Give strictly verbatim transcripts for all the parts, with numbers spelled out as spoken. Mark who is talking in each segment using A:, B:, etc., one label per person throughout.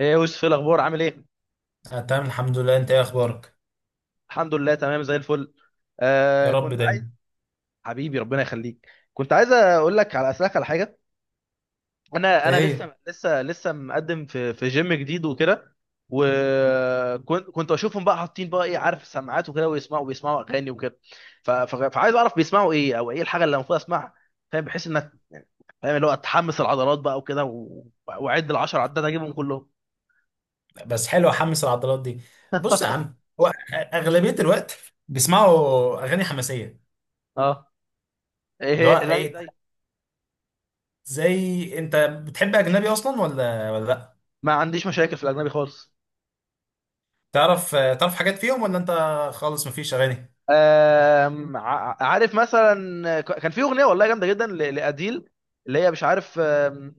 A: ايه يا يوسف، ايه الاخبار؟ عامل ايه؟
B: أنا تمام، الحمد لله. انت ايه اخبارك؟
A: الحمد لله، تمام زي الفل.
B: يا
A: آه،
B: رب
A: كنت عايز.
B: دايما.
A: حبيبي، ربنا يخليك. كنت عايز اقول لك على اسالك على حاجه. انا انا
B: ايه.
A: لسه لسه لسه مقدم في في جيم جديد وكده. وكنت كنت اشوفهم بقى حاطين بقى ايه، عارف، سماعات وكده ويسمعوا بيسمعوا اغاني وكده. ف- ف- فعايز اعرف بيسمعوا ايه، او ايه الحاجه اللي المفروض اسمعها؟ فاهم، بحيث انك فاهم اللي هو تحمس العضلات بقى وكده، و- واعد العشر عدات اجيبهم كلهم.
B: بس حلو احمس العضلات دي. بص يا عم، هو اغلبيه الوقت بيسمعوا اغاني حماسيه.
A: اه، ايه.
B: اللي هو
A: إيه، زي
B: ايه.
A: زي
B: زي، انت بتحب اجنبي اصلا ولا ولا لا؟
A: ما عنديش مشاكل في الاجنبي خالص.
B: تعرف تعرف حاجات فيهم، ولا انت خالص مفيش اغاني؟
A: آم، ع- عارف مثلا، ك- كان في اغنيه والله جامده جدا ل- لاديل، اللي هي مش عارف، آم،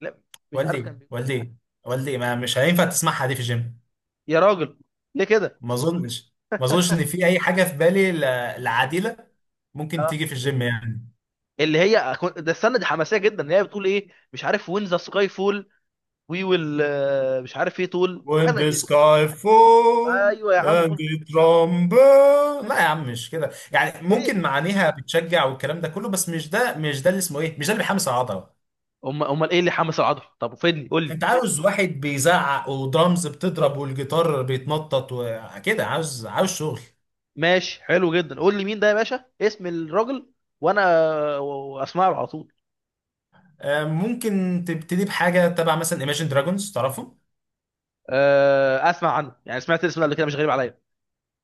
A: لا، مش عارف، كان
B: والدي،
A: بيقول.
B: والدي، والدي ما مش هينفع تسمعها دي في الجيم.
A: يا راجل، ليه كده؟
B: ما اظنش ما اظنش ان في اي حاجه في بالي ل- العادله ممكن
A: اه،
B: تيجي في الجيم يعني.
A: اللي هي أكون- ده استنى، دي حماسيه جدا، اللي هي بتقول ايه، مش عارف، وين ذا سكاي فول وي ويل، مش عارف ايه، طول حاجه
B: When
A: زي
B: the
A: كده.
B: sky fall
A: ايوه يا عم
B: and
A: قول،
B: it rumble. لا يا عم، مش كده يعني،
A: ايه.
B: ممكن معانيها بتشجع والكلام ده كله، بس مش ده مش ده اللي اسمه ايه، مش ده اللي بيحمس العضله.
A: امال، امال ايه اللي حمس العضله؟ طب فدني قول لي.
B: انت عاوز واحد بيزعق ودرامز بتضرب والجيتار بيتنطط وكده، عاوز عاوز شغل.
A: ماشي، حلو جدا، قول لي مين ده يا باشا؟ اسم الراجل. وانا و- واسمعه على طول.
B: آه، ممكن تبتدي بحاجه تبع مثلا ايماجين دراجونز، تعرفهم؟
A: آه، اسمع عنه يعني، سمعت الاسم ده قبل كده، مش غريب عليا.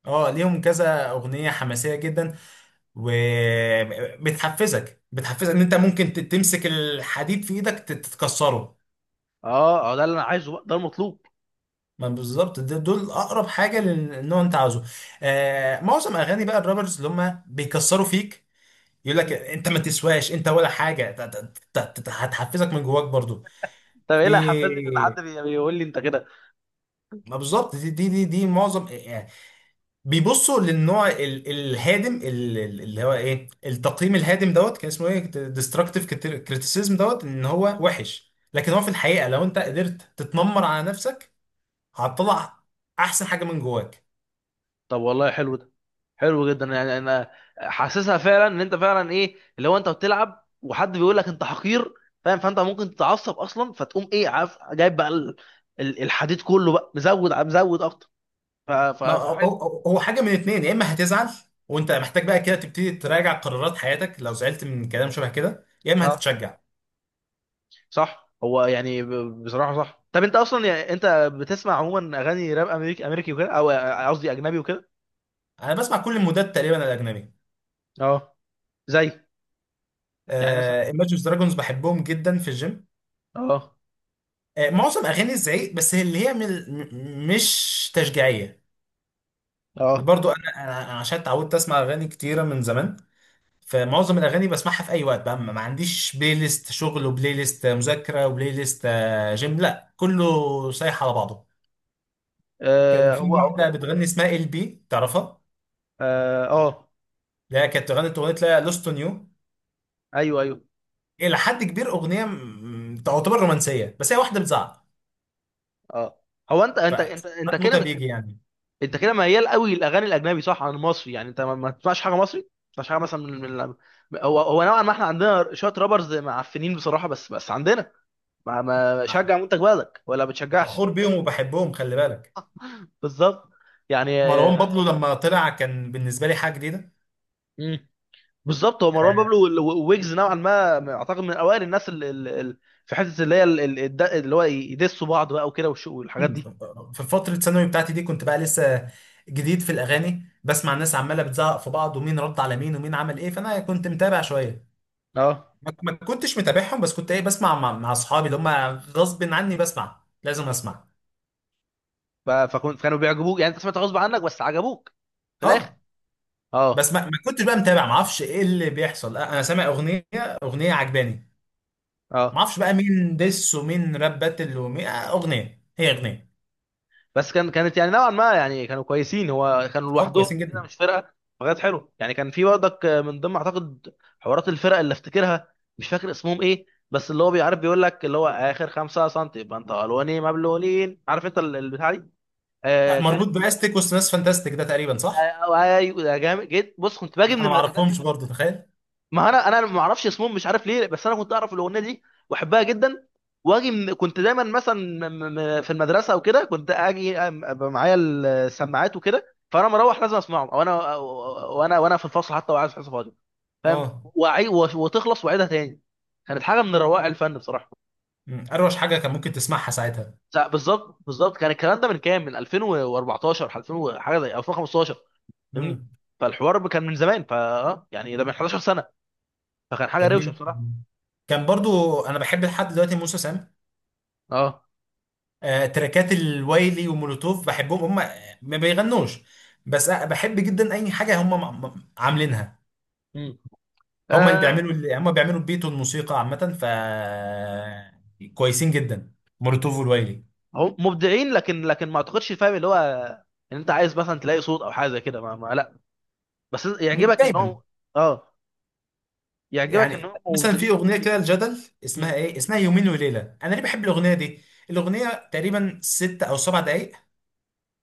B: اه، ليهم كذا اغنيه حماسيه جدا. وبتحفزك بتحفزك ان انت ممكن ت- تمسك الحديد في ايدك تت- تتكسره.
A: اه، اه، ده اللي انا عايزه بقى، ده المطلوب.
B: ما بالظبط ده- دول اقرب حاجه للنوع انت عاوزه. آه معظم اغاني بقى الرابرز اللي هم بيكسروا فيك، يقول لك
A: مم.
B: انت ما تسواش انت ولا حاجه، ت- ت- ت- ت- هتحفزك من جواك برضو.
A: طب ايه
B: في،
A: اللي حفزني في ان حد بي- بيقول لي انت كده؟
B: ما بالظبط دي دي دي, دي معظم، آه، يعني بيبصوا للنوع ال- الهادم، ال- ال- اللي هو ايه، التقييم الهادم دوت كان اسمه ايه، ديستراكتيف كريتيسيزم دوت. ان هو وحش، لكن هو في الحقيقه لو انت قدرت تتنمر على نفسك هتطلع احسن حاجه من جواك.
A: طب والله حلو ده، حلو جدا يعني. انا حاسسها فعلا، ان انت فعلا ايه اللي هو انت بتلعب وحد بيقول لك انت حقير، فاهم؟ فانت ممكن تتعصب اصلا، فتقوم ايه، عارف، جايب بقى ال- ال- الحديد كله بقى، مزود مزود اكتر. ف- ف-
B: ما هو
A: فحلو.
B: هو- هو حاجه من اتنين، يا اما هتزعل وانت محتاج بقى كده تبتدي تراجع قرارات حياتك لو زعلت من كلام شبه كده، يا اما
A: اه،
B: هتتشجع.
A: صح. هو يعني ب- بصراحه صح. طب انت اصلا يعني انت بتسمع عموما اغاني راب امريكي امريكي وكده، او قصدي اجنبي وكده؟
B: انا بسمع كل المودات تقريبا الاجنبي.
A: اه، زي يعني مثلا.
B: ايماجينز دراجونز بحبهم جدا في الجيم.
A: اه.
B: آه معظم اغاني الزعيق بس، هي اللي هي من م- مش تشجيعيه.
A: اه،
B: برضو انا أنا عشان اتعودت اسمع اغاني كتيره من زمان، فمعظم الاغاني بسمعها في اي وقت بقى، ما ما عنديش بلاي ليست شغل وبلاي ليست مذاكره وبلاي ليست، آه، جيم، لا كله سايح على بعضه. كان
A: آه،
B: في
A: هو
B: واحده بتغني اسمها ال بي، تعرفها؟
A: اه آه،
B: اللي هي كانت غنت اغنيه لا لوست اون يو.
A: ايوه ايوه،
B: الى حد كبير اغنيه م- تعتبر رومانسيه، بس هي واحده بتزعق،
A: اه. هو انت انت انت انت
B: فساعات
A: كده
B: موتها
A: بتحب،
B: بيجي يعني.
A: انت كده ميال قوي للاغاني الاجنبي صح، عن المصري؟ يعني انت ما ما تسمعش حاجه مصري، ما تسمعش حاجه مثلا من من. هو هو نوعا ما احنا عندنا شويه رابرز معفنين بصراحه، بس بس عندنا، ما ما
B: نعم،
A: شجع منتج بلدك ولا بتشجعش؟
B: فخور بيهم وبحبهم، خلي بالك.
A: بالظبط، يعني
B: مروان
A: آه.
B: بابلو لما طلع كان بالنسبه لي حاجه جديده.
A: مم. بالظبط، هو مروان
B: آه،
A: بابلو وال- وويجز نوعا ما اعتقد من اوائل الناس اللي في حته اللي هي ال- ال- الد- اللي هو يدسوا بعض بقى وكده، والش- والحاجات دي.
B: في فترة الثانوي بتاعتي دي كنت بقى لسه جديد في الأغاني، بسمع الناس عمالة بتزعق في بعض ومين رد على مين ومين عمل إيه، فأنا كنت متابع شوية،
A: اه،
B: ما ما كنتش متابعهم، بس كنت ايه بسمع مع, مع اصحابي اللي هم غصب عني بسمع، لازم اسمع.
A: ف- فكنت كانوا بيعجبوك يعني، انت سمعت غصب عنك بس عجبوك في الاخر؟
B: اه بس
A: اه،
B: ما, ما كنتش بقى متابع، ما اعرفش ايه اللي بيحصل، آه، انا سامع اغنيه اغنيه عجباني، ما
A: اه.
B: اعرفش بقى مين ديس ومين راب باتل ومين، آه، اغنيه هي اغنيه.
A: بس كان كانت يعني نوعا ما، يعني كانوا كويسين، هو كانوا
B: اه،
A: لوحدهم
B: كويسين
A: كده
B: جدا.
A: مش فرقه. فكانت حلوه يعني، كان في برضك من ضمن اعتقد حوارات الفرق اللي افتكرها، مش فاكر اسمهم ايه، بس اللي هو بيعرف، بيقول لك اللي هو اخر خمسة سم يبقى انت الواني مبلولين، عارف انت ال- البتاع دي.
B: آه،
A: آه
B: مربوط
A: كانت.
B: باستيك وسط ناس فانتاستيك، ده تقريبا
A: آه،
B: صح؟
A: آه، أيوة، يا جامد جد. بص، كنت باجي
B: لا،
A: من
B: انا ما اعرفهمش
A: المدرسه.
B: برضه، تخيل.
A: ما انا انا ما اعرفش اسمهم مش عارف ليه، بس انا كنت اعرف الاغنيه دي واحبها جدا. واجي من، كنت دايما مثلا م- م- في المدرسه وكده، كنت اجي أم- أبقى معايا السماعات وكده، فانا مروح لازم اسمعهم، او انا وانا وانا في الفصل حتى وقاعد في حصه فاضيه، فاهم،
B: اه.
A: وأعي- وتخلص واعيدها تاني. كانت حاجه من روائع الفن بصراحه.
B: مم. اروش حاجه كان ممكن تسمعها ساعتها.
A: لا، بالظبط، بالظبط كان الكلام ده من كام؟ من الفين واربعتاشر، الفين وحاجه، زي الفين وخمستاشر. فاهمني،
B: مم.
A: فالحوار كان من زمان، فا آه، يعني ده من حداشر سنه، فكان حاجه
B: كان
A: روشه
B: مين؟
A: بصراحه.
B: كان برضو انا بحب لحد دلوقتي موسى سام،
A: اه،
B: آه، تراكات الوايلي ومولوتوف بحبهم هم. ما بيغنوش بس أ- بحب جدا اي حاجه هم م- م- عاملينها. هم اللي
A: آه.
B: بيعملوا اللي هم بيعملوا البيت والموسيقى عامه، ف كويسين جدا، مولوتوف والوايلي.
A: هم مبدعين، لكن لكن ما اعتقدش، فاهم اللي هو، ان انت عايز مثلا تلاقي صوت او حاجه زي كده، ما, ما لا، بس
B: مش
A: يعجبك انهم.
B: دايما.
A: اه، يعجبك
B: يعني
A: انهم
B: مثلا في
A: مبدعين.
B: اغنيه كده الجدل،
A: مم.
B: اسمها ايه اسمها يومين وليله، انا ليه بحب الاغنيه دي؟ الاغنيه تقريبا ست او سبع دقائق،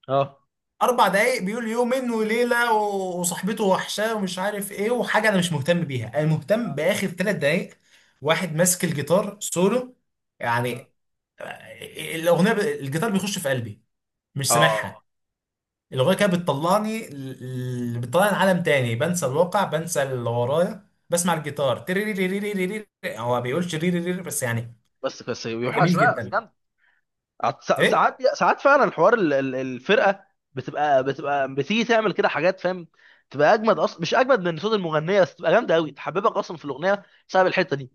A: اه،
B: اربع دقايق بيقول يومين وليله و- وصاحبته وحشاه ومش عارف ايه وحاجه، انا مش مهتم بيها، انا مهتم
A: اه،
B: باخر ثلاث دقايق. واحد ماسك الجيتار سولو يعني، الاغنيه ب... الجيتار بيخش في قلبي، مش
A: اه، آه.
B: سامعها. الاغنيه كده
A: هي.
B: بتطلعني ل- ل- بتطلعني لعالم تاني، بنسى الواقع، بنسى اللي ورايا، بسمع الجيتار تريريريريريري. هو ما بيقولش ريريريري بس يعني.
A: بس بس يوحش
B: جميل
A: بقى، بس
B: جدا.
A: جامد. عط- سا-
B: ايه.
A: ساعات، ساعات فعلا الحوار ال- ال- الفرقه بتبقى بتبقى بتيجي تعمل كده حاجات، فاهم، تبقى اجمد اصلا، مش اجمد من صوت المغنيه بس تبقى جامده قوي، تحببك اصلا في الاغنيه بسبب الحته دي،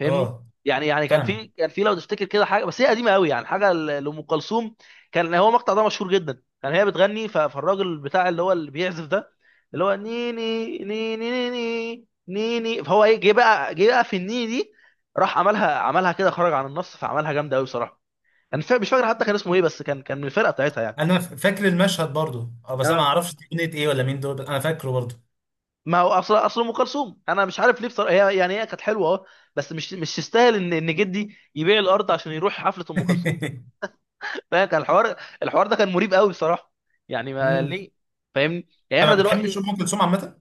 A: فاهمني؟
B: اه،
A: يعني، يعني كان
B: فاهمك.
A: في، كان في لو تفتكر كده حاجه، بس هي قديمه قوي يعني، حاجه ل- لام كلثوم، كان هو المقطع ده مشهور جدا، كان هي بتغني، ف- فالراجل بتاع اللي هو اللي بيعزف ده، اللي هو نيني نيني نيني نيني، فهو ايه، جه بقى جه بقى في النيني دي، راح عملها، عملها كده، خرج عن النص، فعملها جامده قوي بصراحه. انا مش فا- مش فاكر حتى كان اسمه ايه، بس كان، كان من الفرقه بتاعتها يعني.
B: انا ف- فاكر المشهد برضو، اه، بس انا ما
A: اه.
B: اعرفش دي اغنيه ايه ولا مين دول، بس انا فاكره برضو.
A: ما هو اصل، اصل ام كلثوم انا مش عارف ليه بصراحه، هي يعني هي كانت حلوه اه، بس مش مش تستاهل ان ان جدي يبيع الارض عشان يروح حفله ام كلثوم. فكان الحوار، الحوار ده كان مريب قوي بصراحه، يعني ما
B: امم
A: ليه. فاهمني يعني،
B: انت ما
A: احنا
B: بتحبش
A: دلوقتي.
B: ام كلثوم عامه؟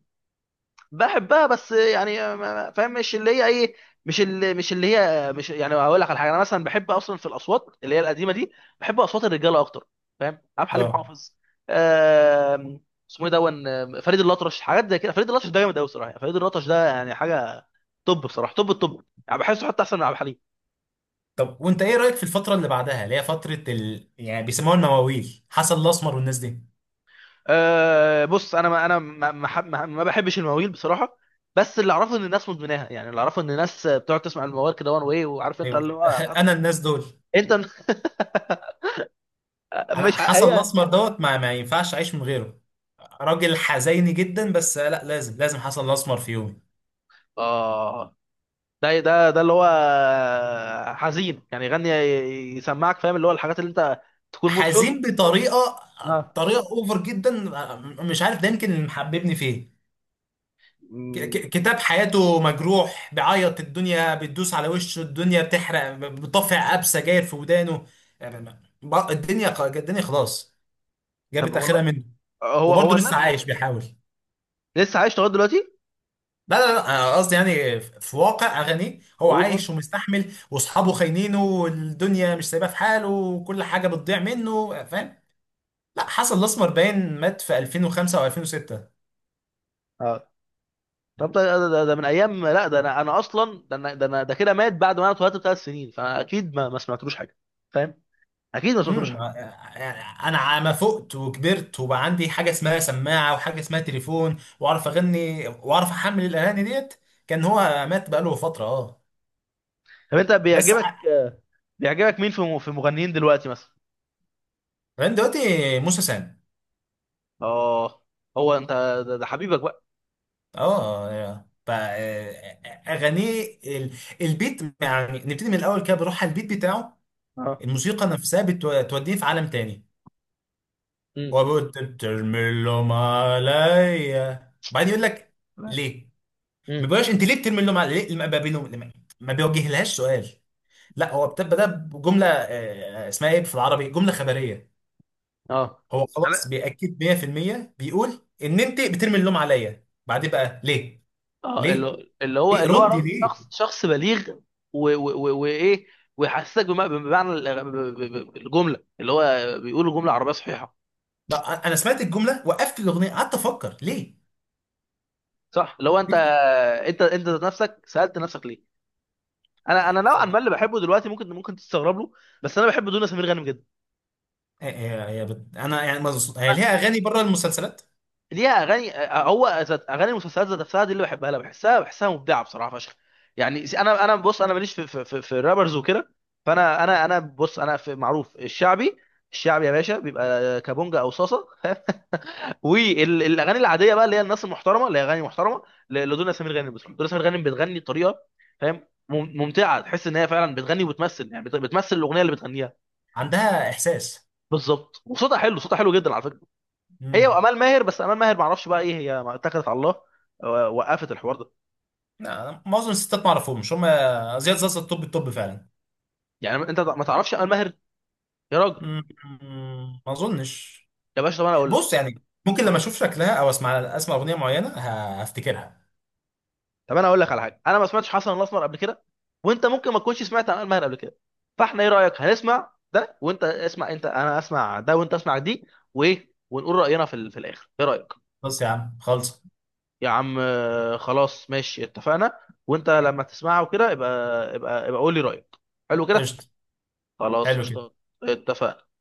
A: بحبها، بس يعني ما- ما- فاهم مش اللي هي ايه، مش اللي مش اللي هي مش يعني، هقول لك على حاجه، انا مثلا بحب اصلا في الاصوات اللي هي القديمه دي، بحب اصوات الرجاله اكتر، فاهم. عبد الحليم
B: اه.
A: حافظ، آم، اسمه ايه، دون، آم، فريد الأطرش، حاجات زي كده. فريد الأطرش ده جامد قوي صراحه، فريد الأطرش ده يعني حاجه توب بصراحه، توب التوب، يعني بحسه حتى احسن من عبد الحليم.
B: طب وانت ايه رايك في الفتره اللي بعدها، اللي هي فتره ال... يعني بيسموها النواويل، حسن الاسمر والناس دي؟
A: أه، بص انا، ما انا ما ما, حب- ما ما بحبش المواويل بصراحه، بس اللي اعرفه ان الناس مدمناها، يعني اللي اعرفه ان الناس بتقعد تسمع الموال كده وان واي، وعارف انت
B: ايوه.
A: اللي هو بعد ما
B: انا الناس دول،
A: انت.
B: انا
A: مش ع-
B: حسن
A: هي،
B: الاسمر دوت ما, ما ينفعش اعيش من غيره. راجل حزيني جدا، بس لا، لازم لازم حسن الاسمر في يومي.
A: اه، ده ده ده اللي هو حزين يعني، يغني يسمعك، فاهم اللي هو الحاجات اللي انت تكون مود حزن.
B: حزين بطريقه،
A: اه.
B: طريقه اوفر جدا، آه، مش عارف ده يمكن اللي محببني فيه. ك-
A: مم.
B: ك- كتاب حياته مجروح، بيعيط، الدنيا بتدوس على وشه، الدنيا بتحرق، بطفع قاب سجاير في ودانه، آه، ب- الدنيا خ- الدنيا خلاص
A: طب
B: جابت اخرها
A: والله.
B: منه،
A: هو
B: وبرضه
A: هو
B: لسه
A: الناس،
B: عايش بيحاول.
A: لسه عايش لغايه دلوقتي؟
B: لا لا لا، أنا قصدي يعني في واقع اغانيه، هو
A: بقول برضه.
B: عايش ومستحمل واصحابه خاينينه والدنيا مش سايباه في حاله وكل حاجه بتضيع منه، فاهم. لا، حسن الاسمر باين مات في ألفين وخمسة او ألفين وستة.
A: اه. طب ده، ده, ده, ده من ايام، لا ده، انا انا اصلا، ده انا، ده, أنا ده كده مات بعد ما انا اتولدت بثلاث سنين، فاكيد ما, ما سمعتلوش حاجه، فاهم، اكيد ما سمعتلوش
B: امم
A: حاجه.
B: انا ع- ما فقت وكبرت وبقى عندي حاجه اسمها سماعه وحاجه اسمها تليفون واعرف اغني واعرف احمل الاغاني ديت، كان هو مات بقاله فتره، اه.
A: طب انت
B: بس
A: بيعجبك
B: ع-
A: آه، بيعجبك مين في في مغنيين دلوقتي مثلا؟
B: كمان دلوقتي موسى سام.
A: اه، هو انت، ده، ده حبيبك بقى.
B: اه، ف آه، اغانيه ال- البيت يعني، نبتدي من الاول كده، بروح على البيت بتاعه،
A: اه.
B: الموسيقى نفسها بتوديه في عالم تاني.
A: امم.
B: وبترمي اللوم عليا بعدين، يقول لك ليه.
A: امم.
B: ما بيقولهاش انت ليه بترمي اللوم على، ليه ما بيقولهم- لما- ما بيوجهلهاش سؤال. لا، هو بتبقى ده جمله، آه، اسمها ايه، في العربي جمله خبريه.
A: اه.
B: هو خلاص
A: طب.
B: بيأكد مية في المية بيقول ان انت بترمي اللوم عليا بعدين بقى ليه.
A: اه،
B: ليه،
A: اللي اللي هو
B: ايه
A: اللي هو
B: ردي،
A: ر- شخص،
B: ليه.
A: شخص بليغ. و- و- و- وايه، ويحسسك بم- بمعنى ال- ب- ب- ب- الجمله، اللي هو بيقول جمله عربيه صحيحه،
B: لا انا سمعت الجمله، وقفت الاغنيه، قعدت افكر ليه.
A: صح. لو انت،
B: ليه؟
A: انت انت ذات نفسك سالت نفسك ليه. انا انا نوعا ما
B: ف-
A: اللي بحبه دلوقتي ممكن، ممكن تستغرب له، بس انا بحب دنيا سمير غانم جدا.
B: آه، آه، يا بت- انا يعني مز- هي
A: أنا،
B: ليها اغاني بره المسلسلات.
A: ليها اغاني آه، هو ذات- اغاني المسلسلات ذات نفسها دي اللي بحبها، لا بحسها، بحسها مبدعه بصراحه فشخ، يعني. س- انا انا بص انا ماليش في في في, في الرابرز وكده، فانا، انا انا بص انا في معروف الشعبي. الشعبي يا باشا بيبقى كابونجا او صاصه. والاغاني العاديه بقى، اللي هي الناس المحترمه، اللي هي اغاني محترمه ل- لدنيا سمير غانم، بتروح دنيا سمير غانم بتغني بطريقه، فاهم، مم- ممتعه، تحس ان هي فعلا بتغني وبتمثل يعني، بت- بتمثل الاغنيه اللي بتغنيها.
B: عندها احساس.
A: بالظبط. وصوتها حلو، صوتها حلو جدا على فكره. هي
B: امم.
A: وامال ماهر، بس امال ماهر ما اعرفش بقى ايه، هي ما اتكلت على الله و- وقفت الحوار ده.
B: لا، معظم الستات ما اعرفهم، مش هم. زياد زازا، الطب الطب فعلا.
A: يعني انت ما تعرفش امال ماهر؟ يا راجل.
B: مم، ما اظنش.
A: يا باشا، طب انا اقول لك،
B: بص يعني ممكن لما اشوف شكلها او اسمع اسمع اغنيه معينه ه- هفتكرها.
A: طب انا اقول لك على حاجه: انا ما سمعتش حسن الاسمر قبل كده، وانت ممكن ما تكونش سمعت عن الماهر قبل كده، فاحنا ايه رايك هنسمع ده، وانت اسمع انت، انا اسمع ده وانت اسمع دي، وايه ونقول راينا في ال- في الاخر، ايه رايك؟
B: بص يا عم، خلص.
A: يا عم آه، خلاص، ماشي، اتفقنا. وانت لما تسمعه كده يبقى، يبقى يبقى قول لي رايك. حلو كده.
B: قشطه.
A: خلاص،
B: حلو كده.
A: قشطة. اتفقنا.